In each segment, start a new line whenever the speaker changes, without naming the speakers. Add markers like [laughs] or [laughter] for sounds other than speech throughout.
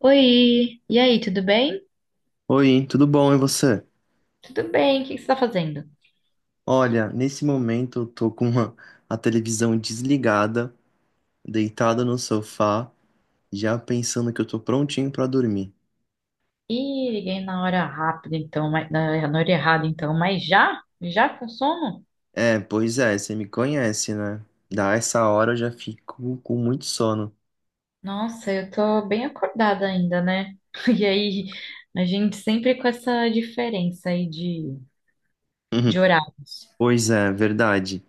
Oi, e aí, tudo bem?
Oi, tudo bom? E você?
Tudo bem, o que você está fazendo?
Olha, nesse momento eu tô com uma- a televisão desligada, deitada no sofá, já pensando que eu tô prontinho pra dormir.
Ih, liguei na hora rápida, então, na hora errada, então, mas já? Já com sono?
É, pois é, você me conhece, né? Da essa hora eu já fico com muito sono.
Nossa, eu tô bem acordada ainda, né? [laughs] E aí, a gente sempre com essa diferença aí de
[laughs]
horários,
Pois é, verdade.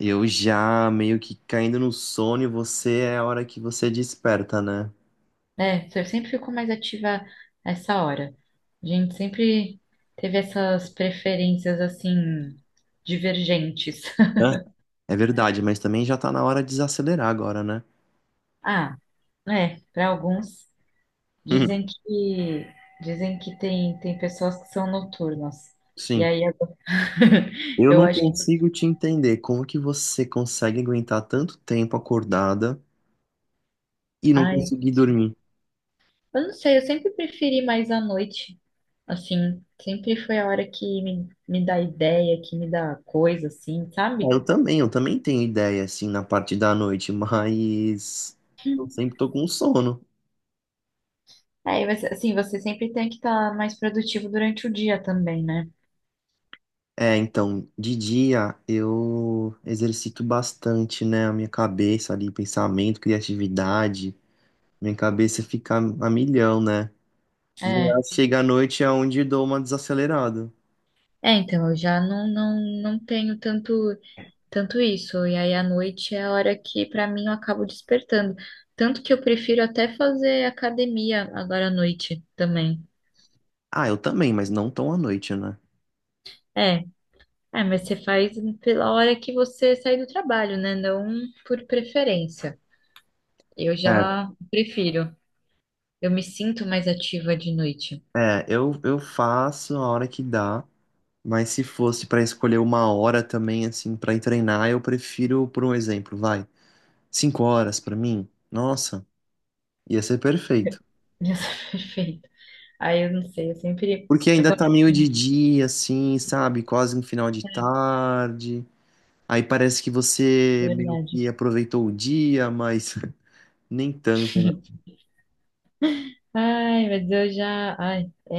Eu já meio que caindo no sono e você é a hora que você desperta, né?
né? Eu sempre fico mais ativa essa hora. A gente sempre teve essas preferências, assim, divergentes. [laughs]
Hã? É verdade, mas também já tá na hora de desacelerar agora, né?
Ah, é, para alguns. Dizem
[laughs]
que Dizem que tem pessoas que são noturnas. E
Sim.
aí agora, [laughs]
Eu
eu
não
acho que.
consigo te entender como que você consegue aguentar tanto tempo acordada e não
Ai, eu
conseguir dormir.
eu não sei, eu sempre preferi mais à noite. Assim, sempre foi a hora que me dá ideia, que me dá coisa, assim,
É,
sabe?
eu também, eu também tenho ideia, assim, na parte da noite, mas eu sempre tô com sono.
Aí, mas, assim, você sempre tem que estar mais produtivo durante o dia também, né?
É, então, de dia eu exercito bastante, né, a minha cabeça ali, pensamento, criatividade. Minha cabeça fica a milhão, né? E aí
É.
chega à noite é onde eu dou uma desacelerada.
É, então, eu já não tenho tanto. Tanto isso, e aí à noite é a hora que pra mim eu acabo despertando. Tanto que eu prefiro até fazer academia agora à noite também.
Ah, eu também, mas não tão à noite, né?
É, É, mas você faz pela hora que você sai do trabalho, né? Não por preferência. Eu
É.
já prefiro. Eu me sinto mais ativa de noite.
É, eu faço a hora que dá, mas se fosse pra escolher uma hora também, assim, pra ir treinar, eu prefiro, por um exemplo, vai, cinco horas pra mim, nossa, ia ser perfeito.
[laughs] Isso é perfeito. Aí eu não sei, eu sempre.
Porque
Eu
ainda tá
gosto
meio de
de.
dia, assim, sabe, quase no final de tarde, aí parece que você meio
Verdade.
que aproveitou o dia, mas [laughs] nem tanto, né?
Ai, mas eu já. Ai, é,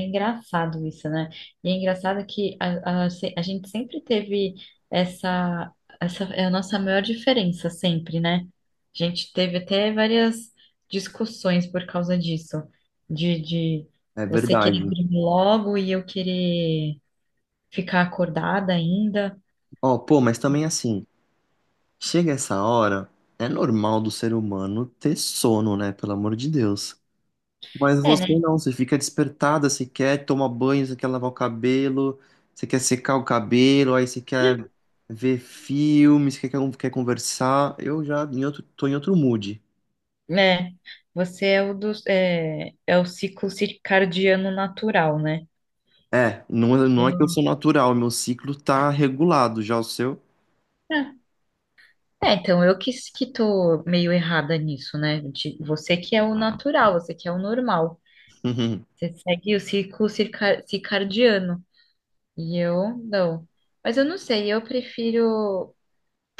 é engraçado isso, né? E é engraçado que a, se- a gente sempre teve essa, essa. É a nossa maior diferença, sempre, né? A gente teve até várias discussões por causa disso, de
É
você
verdade.
querer dormir logo e eu querer ficar acordada ainda.
Ó, pô, mas também assim, chega essa hora, é normal do ser humano ter sono, né, pelo amor de Deus. Mas
É,
você
né?
não, você fica despertada, você quer tomar banho, você quer lavar o cabelo, você quer secar o cabelo, aí você quer ver filmes, quer conversar. Eu já em outro, tô em outro mood.
É, você é é o ciclo circadiano natural, né?
É, não, não é que eu sou
Eu.
natural, meu ciclo tá regulado, já o seu.
É. É, então eu que tô meio errada nisso, né? De- você que é o natural, você que é o normal.
[laughs]
Você segue o circadiano. E eu não. Mas eu não sei, eu prefiro.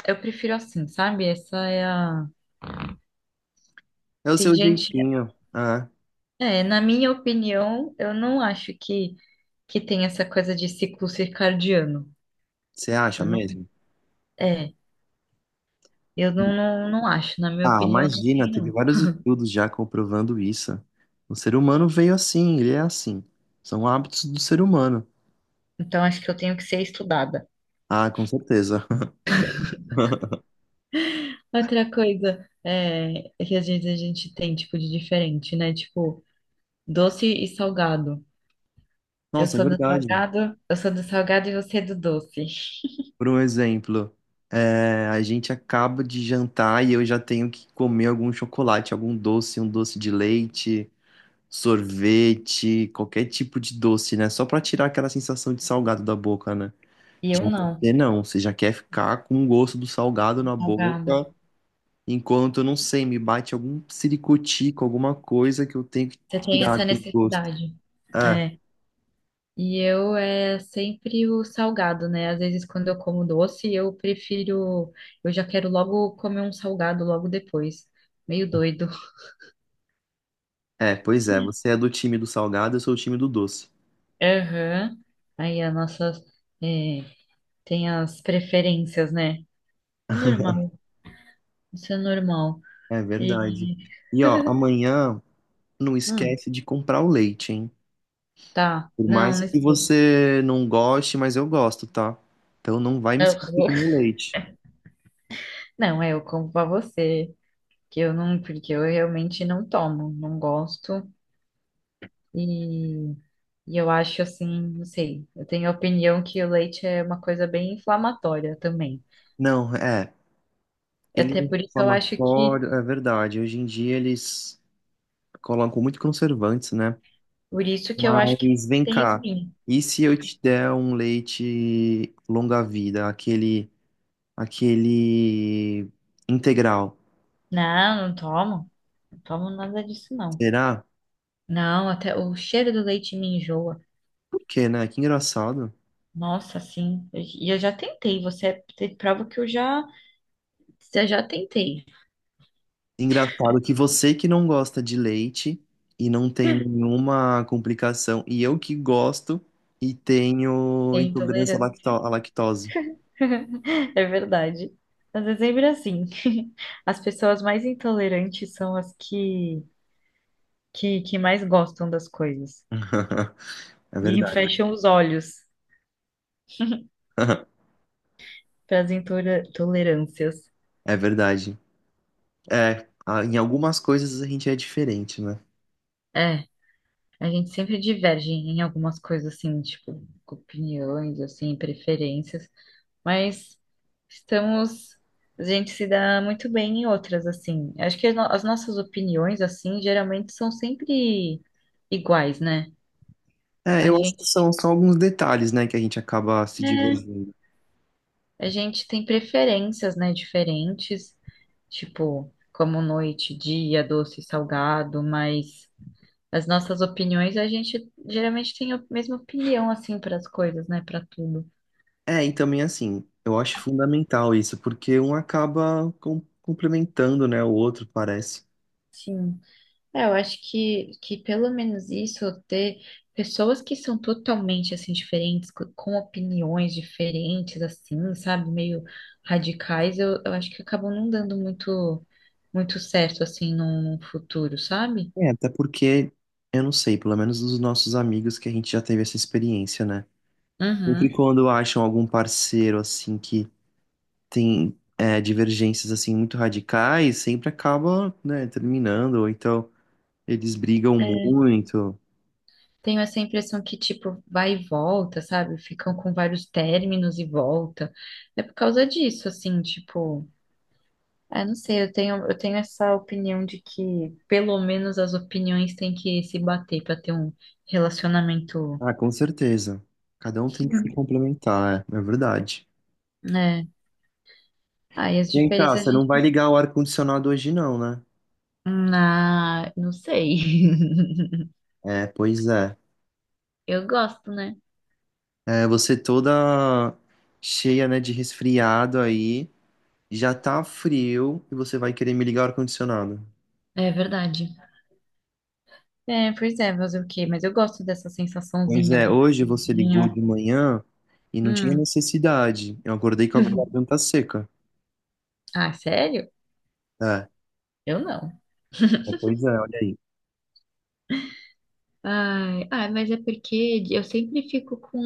Eu prefiro assim, sabe? Essa é a.
É o
Tem
seu
gente.
jeitinho. É,
É, na minha opinião, eu não acho que tem essa coisa de ciclo circadiano.
você acha
Eu não.
mesmo?
É, eu não acho. Na minha
Ah,
opinião, não
imagina,
tem,
teve
não.
vários estudos já comprovando isso. O ser humano veio assim, ele é assim. São hábitos do ser humano.
Então acho que eu tenho que ser estudada.
Ah, com certeza. [laughs]
Outra coisa é, é que às vezes a gente tem, tipo, de diferente, né? Tipo, doce e salgado.
Nossa, é verdade.
Eu sou do salgado e você é do doce.
Por um exemplo, é, a gente acaba de jantar e eu já tenho que comer algum chocolate, algum doce, um doce de leite, sorvete, qualquer tipo de doce, né? Só pra tirar aquela sensação de salgado da boca, né?
E
Já
eu não,
você não, você já quer ficar com o gosto do salgado na boca,
salgado.
enquanto, não sei, me bate algum siricutico, alguma coisa que eu tenho que
Você tem
tirar
essa
aquele gosto.
necessidade.
É,
É. E eu é sempre o salgado, né? Às vezes quando eu como doce, eu prefiro, eu já quero logo comer um salgado logo depois. Meio doido.
é, pois é, você é do time do salgado, eu sou o time do doce.
Aham. Aí a nossa, é, tem as preferências, né? É normal. Isso é normal.
É verdade.
E,
E ó, amanhã não
hum,
esquece de comprar o leite, hein?
tá.
Por
Não, não
mais que
esqueça.
você não goste, mas eu gosto, tá? Então não vai me
Eu-
esquecer do
[laughs]
meu leite.
Não, é, eu compro pra você, que eu não, porque eu realmente não tomo, não gosto. E, e eu acho assim, não sei, eu tenho a opinião que o leite é uma coisa bem inflamatória também.
Não, é. Ele é
Até por isso eu acho que,
inflamatório, é verdade. Hoje em dia eles colocam muito conservantes, né?
por isso que eu acho que
Mas vem
tem
cá.
espinho.
E se eu te der um leite longa-vida, aquele, aquele integral?
Não, não tomo. Não tomo nada disso, não.
Será?
Não, até o cheiro do leite me enjoa.
Por quê, né? Que engraçado.
Nossa, sim. E eu, já tentei. Você é prova que eu já tentei.
Engraçado que você que não gosta de leite e não tem nenhuma complicação, e eu que gosto e tenho
É
intolerância
intolerante.
à lactose.
[laughs] É verdade. Mas é sempre assim. [laughs] As pessoas mais intolerantes são as que mais gostam das coisas.
[laughs] É
E [laughs]
verdade.
fecham os olhos
[laughs]
para as intolerâncias.
É verdade. É, em algumas coisas a gente é diferente, né?
É, a gente sempre diverge em algumas coisas assim, tipo, opiniões, assim, preferências. Mas estamos. A gente se dá muito bem em outras, assim. Acho que as no- as nossas opiniões, assim, geralmente são sempre iguais, né?
É,
A
eu acho que
gente,
são só alguns detalhes, né, que a gente acaba se
é,
divergindo.
a gente tem preferências, né, diferentes, tipo, como noite, dia, doce, salgado, mas as nossas opiniões, a gente geralmente tem a mesma opinião, assim, para as coisas, né, para tudo.
É, e também assim, eu acho fundamental isso, porque um acaba complementando, né, o outro, parece.
Sim. É, eu acho que pelo menos isso, ter pessoas que são totalmente, assim, diferentes, com opiniões diferentes, assim, sabe, meio radicais, eu acho que acabam não dando muito certo, assim, no futuro, sabe?
É, até porque, eu não sei, pelo menos dos nossos amigos que a gente já teve essa experiência, né? Sempre
Uhum.
quando acham algum parceiro, assim, que tem é, divergências, assim, muito radicais, sempre acaba, né, terminando, ou então eles brigam muito.
Tenho essa impressão que, tipo, vai e volta, sabe? Ficam com vários términos e volta. É por causa disso, assim, tipo. Ah, não sei, eu tenho essa opinião de que pelo menos as opiniões têm que se bater para ter um relacionamento.
Ah, com certeza. Cada um tem que se
Hum.
complementar, é, é verdade.
Né? Aí as
Vem cá,
diferenças a
você não vai
gente.
ligar o ar-condicionado hoje não, né?
Na... Não sei. [laughs]
É, pois é.
Eu gosto, né?
É, você toda cheia, né, de resfriado aí. Já tá frio e você vai querer me ligar o ar-condicionado.
É verdade. É, pois é, fazer o quê? Mas eu gosto dessa
Pois
sensaçãozinha
é,
do
hoje você ligou
carinho.
de manhã e não tinha
Hum.
necessidade. Eu acordei com a garganta seca.
Ah, sério?
É,
Eu não.
é, pois é, olha aí.
Ai, ai, mas é porque eu sempre fico com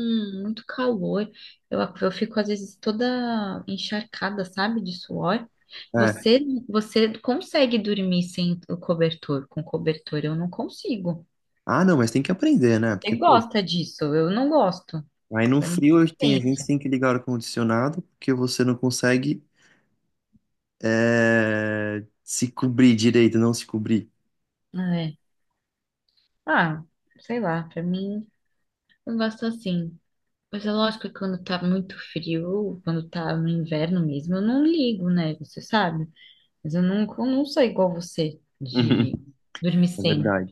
muito calor. Eu fico às vezes toda encharcada, sabe, de suor. Você,
É.
você consegue dormir sem o cobertor, com cobertor? Eu não consigo.
Ah, não, mas tem que aprender, né? Porque,
Você
pô,
gosta disso? Eu não gosto.
aí no
Pra mim,
frio a
tem isso.
gente tem que ligar o ar-condicionado porque você não consegue é, se cobrir direito, não se cobrir.
Ah, é. Ah, sei lá, pra mim, eu gosto assim. Mas é lógico que quando tá muito frio, quando tá no inverno mesmo, eu não ligo, né? Você sabe? Mas eu não sou igual você de
[laughs]
dormir
É
sem.
verdade.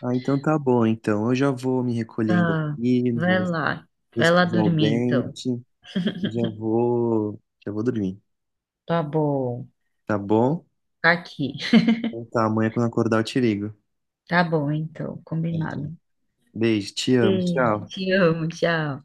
Ah, então tá bom. Então eu já vou me recolhendo
Ah,
aqui,
vai
vou
lá. Vai lá
escovar o
dormir, então.
dente. Eu já vou dormir,
Tá bom.
tá bom?
Tá aqui.
Então tá, amanhã quando acordar eu te ligo.
Tá bom, então.
Beleza.
Combinado.
Beijo, te amo,
Beijo,
tchau.
te amo, tchau.